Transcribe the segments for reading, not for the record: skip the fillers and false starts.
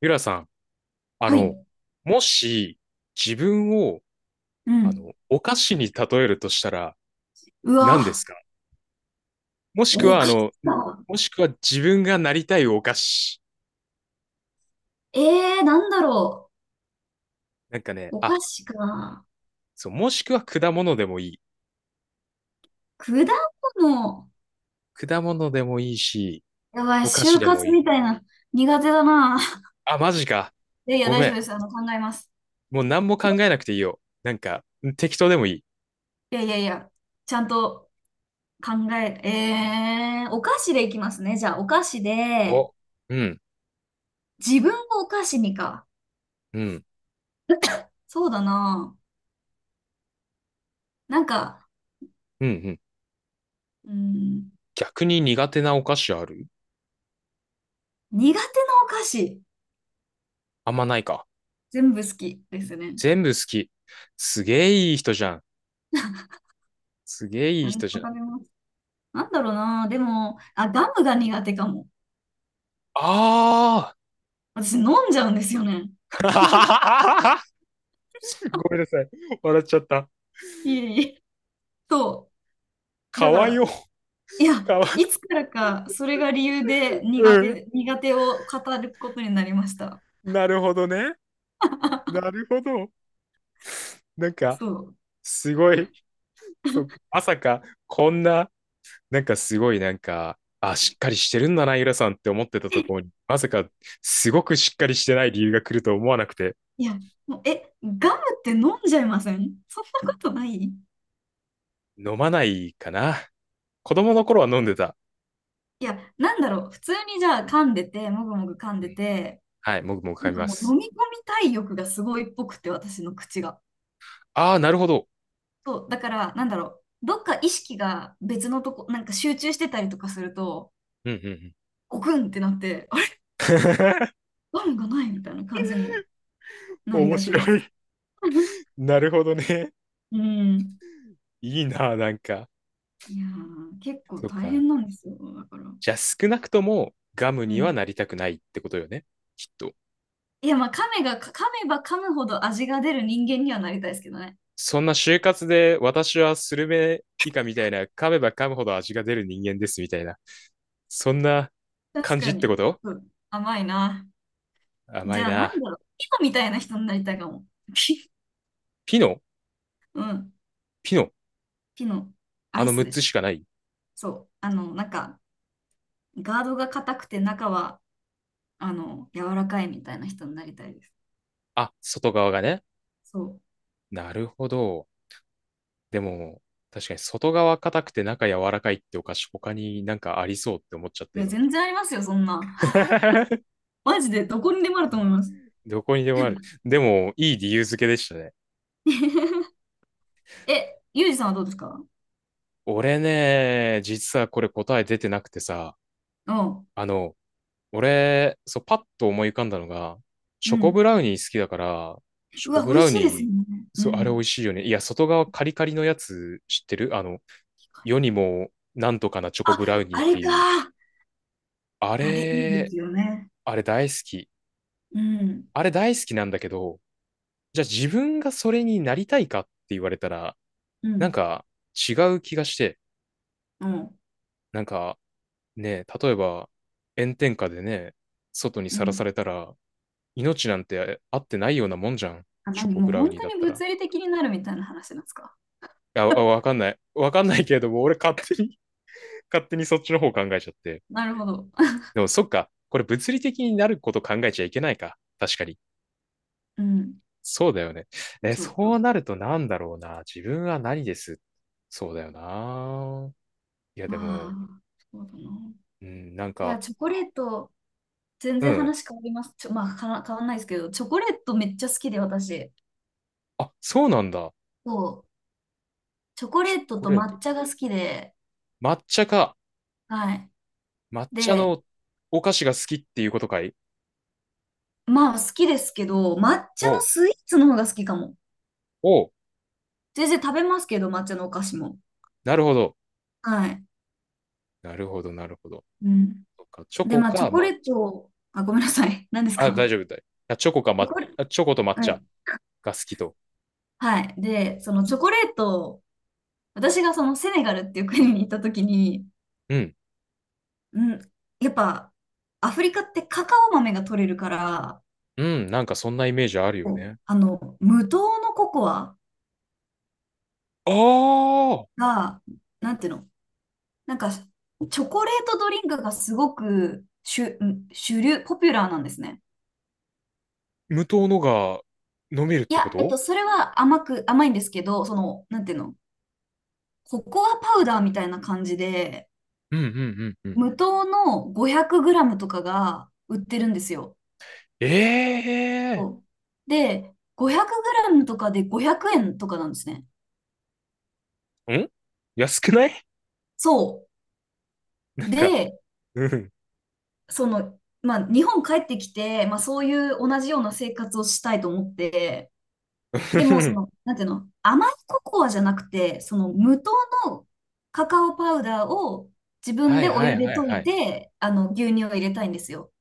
ゆらさん、あはの、い。もし自分を、うん。お菓子に例えるとしたらう何ですわ、か？もしくおは、菓子か。自分がなりたいお菓子。ええー、なんだろなんかね、う。おあ、菓子か。そう、もしくは果物でもいい。果物。果物でもいいし、やばい、お菓子就でも活いい。みたいな。苦手だな。あ、マジか。いやいや、ご大め丈夫ん。です。考えます。もう何も考えなくていいよ。なんか、適当でもいい。いやいやいや、ちゃんと考え、えー、お菓子でいきますね。じゃあ、お菓子で、お、うん、自分をお菓子にか。うん、そうだな。なんか、うん、うん。うん、逆に苦手なお菓子ある？苦手なお菓子。あんまないか。全部好きですね。全部好き。すげえいい人じゃん。すげえいい何でも人じゃん。食べます。なんだろうな。でも、あ、ガムが苦手かも。ああー。 私飲んじゃうんですよね。ごめんなさい。笑っちゃった。いえいえ。そう。かだかわよ。ら、いや、かわ、いつからかそれが理由で苦うん。手、苦手を語ることになりました。なるほどね。なるほど。なんか、そう。すごい。そう、まさか、こんな、なんかすごい、なんか、あ、しっかりしてるんだな、ゆらさんって思ってたところに、まさか、すごくしっかりしてない理由が来ると思わなくて、いや、もう、ガムって飲んじゃいませんそんなことないい飲まないかな。子供の頃は飲んでた。や、なんだろう。普通にじゃあ噛んでて、もぐもぐ噛んうでん、て、はい、もぐもぐ噛なんみかまもう飲す。み込みたい欲がすごいっぽくて、私の口が。ああ、なるほど。そう、だから、なんだろう、どっか意識が別のとこ、なんか集中してたりとかすると、うんうんうん。ゴクンってなって、あれ、ガムがないみたいな感じになり面がちで白す。い。なるほどね。うん。いいな、なんか。いやー、結構そっ大か。変なんですよ、だから。じゃあ少なくともガムうにはなん。りたくないってことよね。きっと。いや、まあ、噛めば噛むほど味が出る人間にはなりたいですけどね。そんな就活で私はスルメ以下みたいな噛めば噛むほど味が出る人間ですみたいな。そんな確感かじってこに。と？うん甘いな。じ甘いゃあ、なんな。だろう、ピノみたいな人になりたいかも。ピ、ピノ？うん。ピノ？ピノ、アあイのス6でつす。しかない？そう。なんか、ガードが硬くて中は柔らかいみたいな人になりたいです。あ、外側がね。そう。なるほど。でも、確かに外側硬くて中柔らかいってお菓子他になんかありそうって思っちゃっいたや、今。全然ありますよ、そんな マジで、どこにでもあると思います。どこにでもある。でも、いい理由付けでしたね。え、ゆうじさんはどうですか？俺ね、実はこれ答え出てなくてさ、うん。あの、俺、そう、パッと思い浮かんだのが、うチョコブん。ラウニー好きだから、チョうコわ、美ブ味ラウしいですよニね。ー、うそう、あれ美ん。味しいよね。いや、外側カリカリのやつ知ってる？世にもなんとかなチョコあ、ブラウニあーっれていう。か。ああれ、いいでれ、すよね。あれ大好き。うん。あれ大好きなんだけど、じゃあ自分がそれになりたいかって言われたら、うなんん。か違う気がして、うん。なんかねえ、例えば炎天下でね、外にうさらさん。れたら、命なんてあってないようなもんじゃん。あ、チョ何コもブうラウ本ニー当だっにたら。い物理的になるみたいな話なんですか？や、あわかんない。わかんないけれども、俺勝手に 勝手にそっちの方考えちゃって。なるほど。で もそっか、これ物理的になること考えちゃいけないか。確かに。うん。そうだよね。え、そうそうそうそなう。るとなんだろうな。自分は何です？そうだよな。いや、でまも、あ、そうだな。うん、なんいや、か、チョコレート、全う然ん。話変わります。まあ、かな変わんないですけど、チョコレートめっちゃ好きで、私。あ、そうなんだ。そう。チョコチレョートコとレート。抹茶が好きで、抹茶か。はい。抹茶で、のお菓子が好きっていうことかい？まあ、好きですけど、抹茶のおスイーツの方が好きかも。お全然食べますけど、抹茶のお菓子も。なるほど。はい。なるほど、なるほど。うん。そっかチョで、コまあ、チかョコ抹茶。レート、あ、ごめんなさい。何ですあ、大か？丈夫だい。あチョコかチョ抹、コレ、あチョコと抹は茶い。が好きと。はい。で、そのチョコレート、私がそのセネガルっていう国に行った時に、うん。うん、やっぱ、アフリカってカカオ豆が取れるから、うん、なんかそんなイメージあるそようね。あの、無糖のココアああ、が、なんていうの、なんか、チョコレートドリンクがすごく主流、ポピュラーなんですね。無糖のが飲めるっいてこや、と？それは甘いんですけど、その、なんていうの、ココアパウダーみたいな感じで、うんうんうんうん。無糖の500グラムとかが売ってるんですよ。ええそうで、500グラムとかで500円とかなんですね。ん、安くない？ そ なんう。か、で、うん。その、まあ、日本帰ってきて、まあ、そういう同じような生活をしたいと思って、でも、その、なんていうの、甘いココアじゃなくて、その無糖のカカオパウダーを自分はでいおは湯いではい溶はいい。て、牛乳を入れたいんですよ。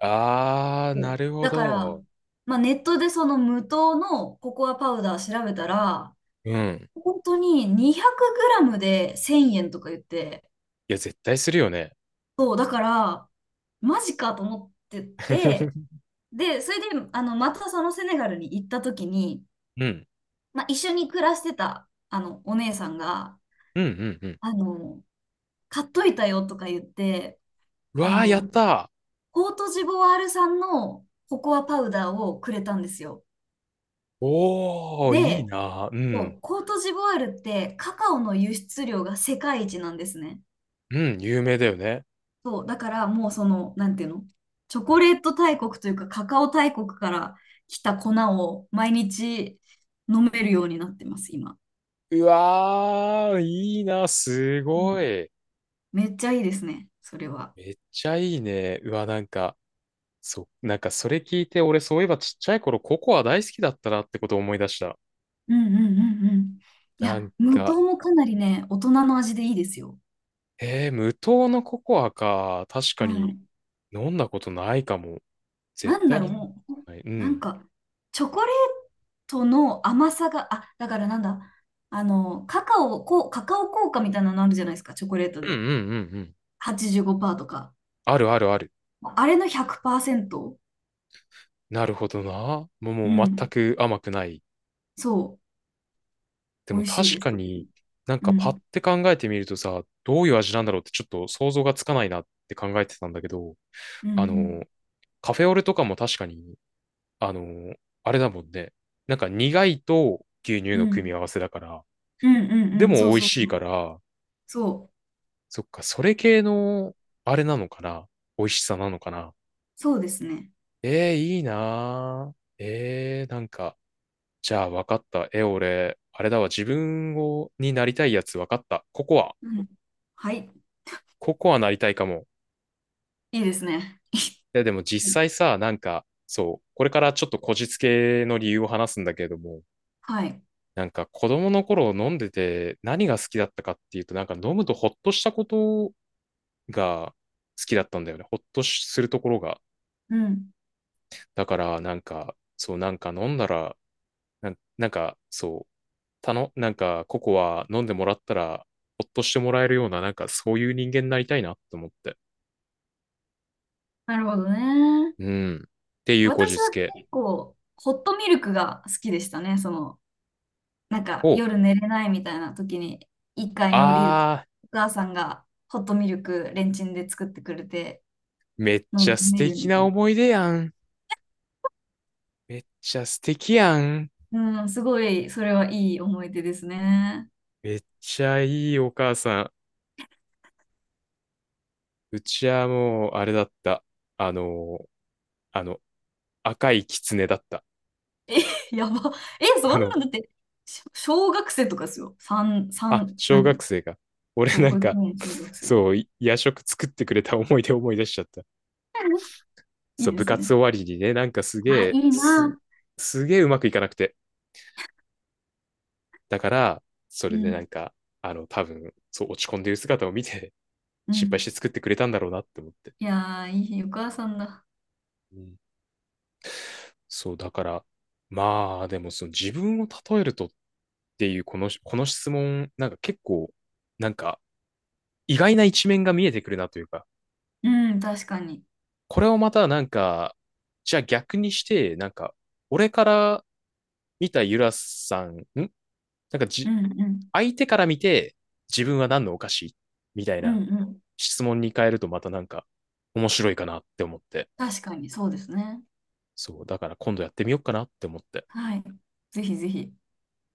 ああ、そなうるほだから、ど。まあ、ネットでその無糖のココアパウダー調べたら、うん。本当に2 0 0ムで1000円とか言って、いや、絶対するよね。そう、だから、マジかと思ってて、で、それで、またそのセネガルに行った時に、うん。まあ、一緒に暮らしてた、お姉さんが、うん、うん、うん。あの、買っといたよとか言って、うあわー、やっの、たコートジボワール産のココアパウダーをくれたんですよ。ー。おー、いいで、なー。うそん。うコートジボワールってカカオの輸出量が世界一なんですね。うん、有名だよね。そう、だからもうその、なんていうの、チョコレート大国というかカカオ大国から来た粉を毎日飲めるようになってます、今。うわー、いいなすごい。めっちゃいいですね、それは。めっちゃいいね。うわ、なんか、なんかそれ聞いて、俺そういえばちっちゃい頃ココア大好きだったなってことを思い出した。うんうんうんうん。いなんや、無か、糖もかなりね、大人の味でいいですよ。無糖のココアか。確かはにい。飲んだことないかも。絶なんだ対ろにう、飲んだこもう、とない。うなんん。か、チョコレートの甘さが、あ、だからなんだ、カカオ効果みたいなのあるじゃないですか、チョコレートうんうで。んうんうん。85%とか。あるあるある。あれの100%、なるほどな。もう、うもう全ん。く甘くない。そでう、美も味しい確です、かとても。になんうかパッん。て考えてみるとさ、どういう味なんだろうってちょっと想像がつかないなって考えてたんだけど、うあんの、カフェオレとかも確かに、あの、あれだもんね。なんか苦いと牛乳うんのう組んみ合わせだから、うんうんでうん。もそう美味そうしいそう。から、そう、そっか、それ系のあれなのかな？美味しさなのかな？そうですね。ええー、いいなーええー、なんか、じゃあ分かった。え、俺、あれだわ。自分を、になりたいやつ分かった。ココア。うん。はい。ココアなりたいかも。いいですね。や、でも実際さ、なんか、そう、これからちょっとこじつけの理由を話すんだけれども、はい。なんか子供の頃飲んでて何が好きだったかっていうと、なんか飲むとほっとしたことが好きだったんだよね。ほっとしするところが。うん。だから、なんか、そう、なんか飲んだら、なんなんか、そう、なんかココア飲んでもらったら、ほっとしてもらえるような、なんかそういう人間になりたいなと思って。なるほどね。うん。っていうこじ私はつけ結構、ホットミルクが好きでしたね。その、なんかを、夜寝れないみたいな時に、1階に降りると、あー、お母さんがホットミルクレンチンで作ってくれて、めっ飲ちんゃで素寝る敵みたない思い出やん。めっちゃ素敵やん。な。うん、すごい、それはいい思い出ですね。めっちゃいいお母さん。うちはもう、あれだった。あの、あの、赤い狐だった。え、やば。え、そあんなの、のだって、小学生とかですよ。三あ、三小何学生が。俺そう、な保ん育か、園、小学生。そう、い夜食作ってくれた思い出思い出しちゃった。いそいう、で部す活ね。終わりにね、なんかすげあ、いえ、いな。すげえうまくいかなくて。だから、そうれでなん。んか、多分、そう、落ち込んでる姿を見て、う心配してん。作ってくれたんだろうなって思って。いやー、いいお母さんだ。うんそう、だから、まあ、でもその自分を例えるとっていう、この質問、なんか結構、なんか意外な一面が見えてくるなというか、うん、確かに。これをまたなんか、じゃあ逆にして、なんか、俺から見たゆらさん、んなんかうじ、んうん。相手から見て、自分は何のお菓子みたいうんうなん。質問に変えるとまたなんか面白いかなって思って。確かに、そうですね。そう、だから今度やってみようかなって思って。はい。ぜひぜひ。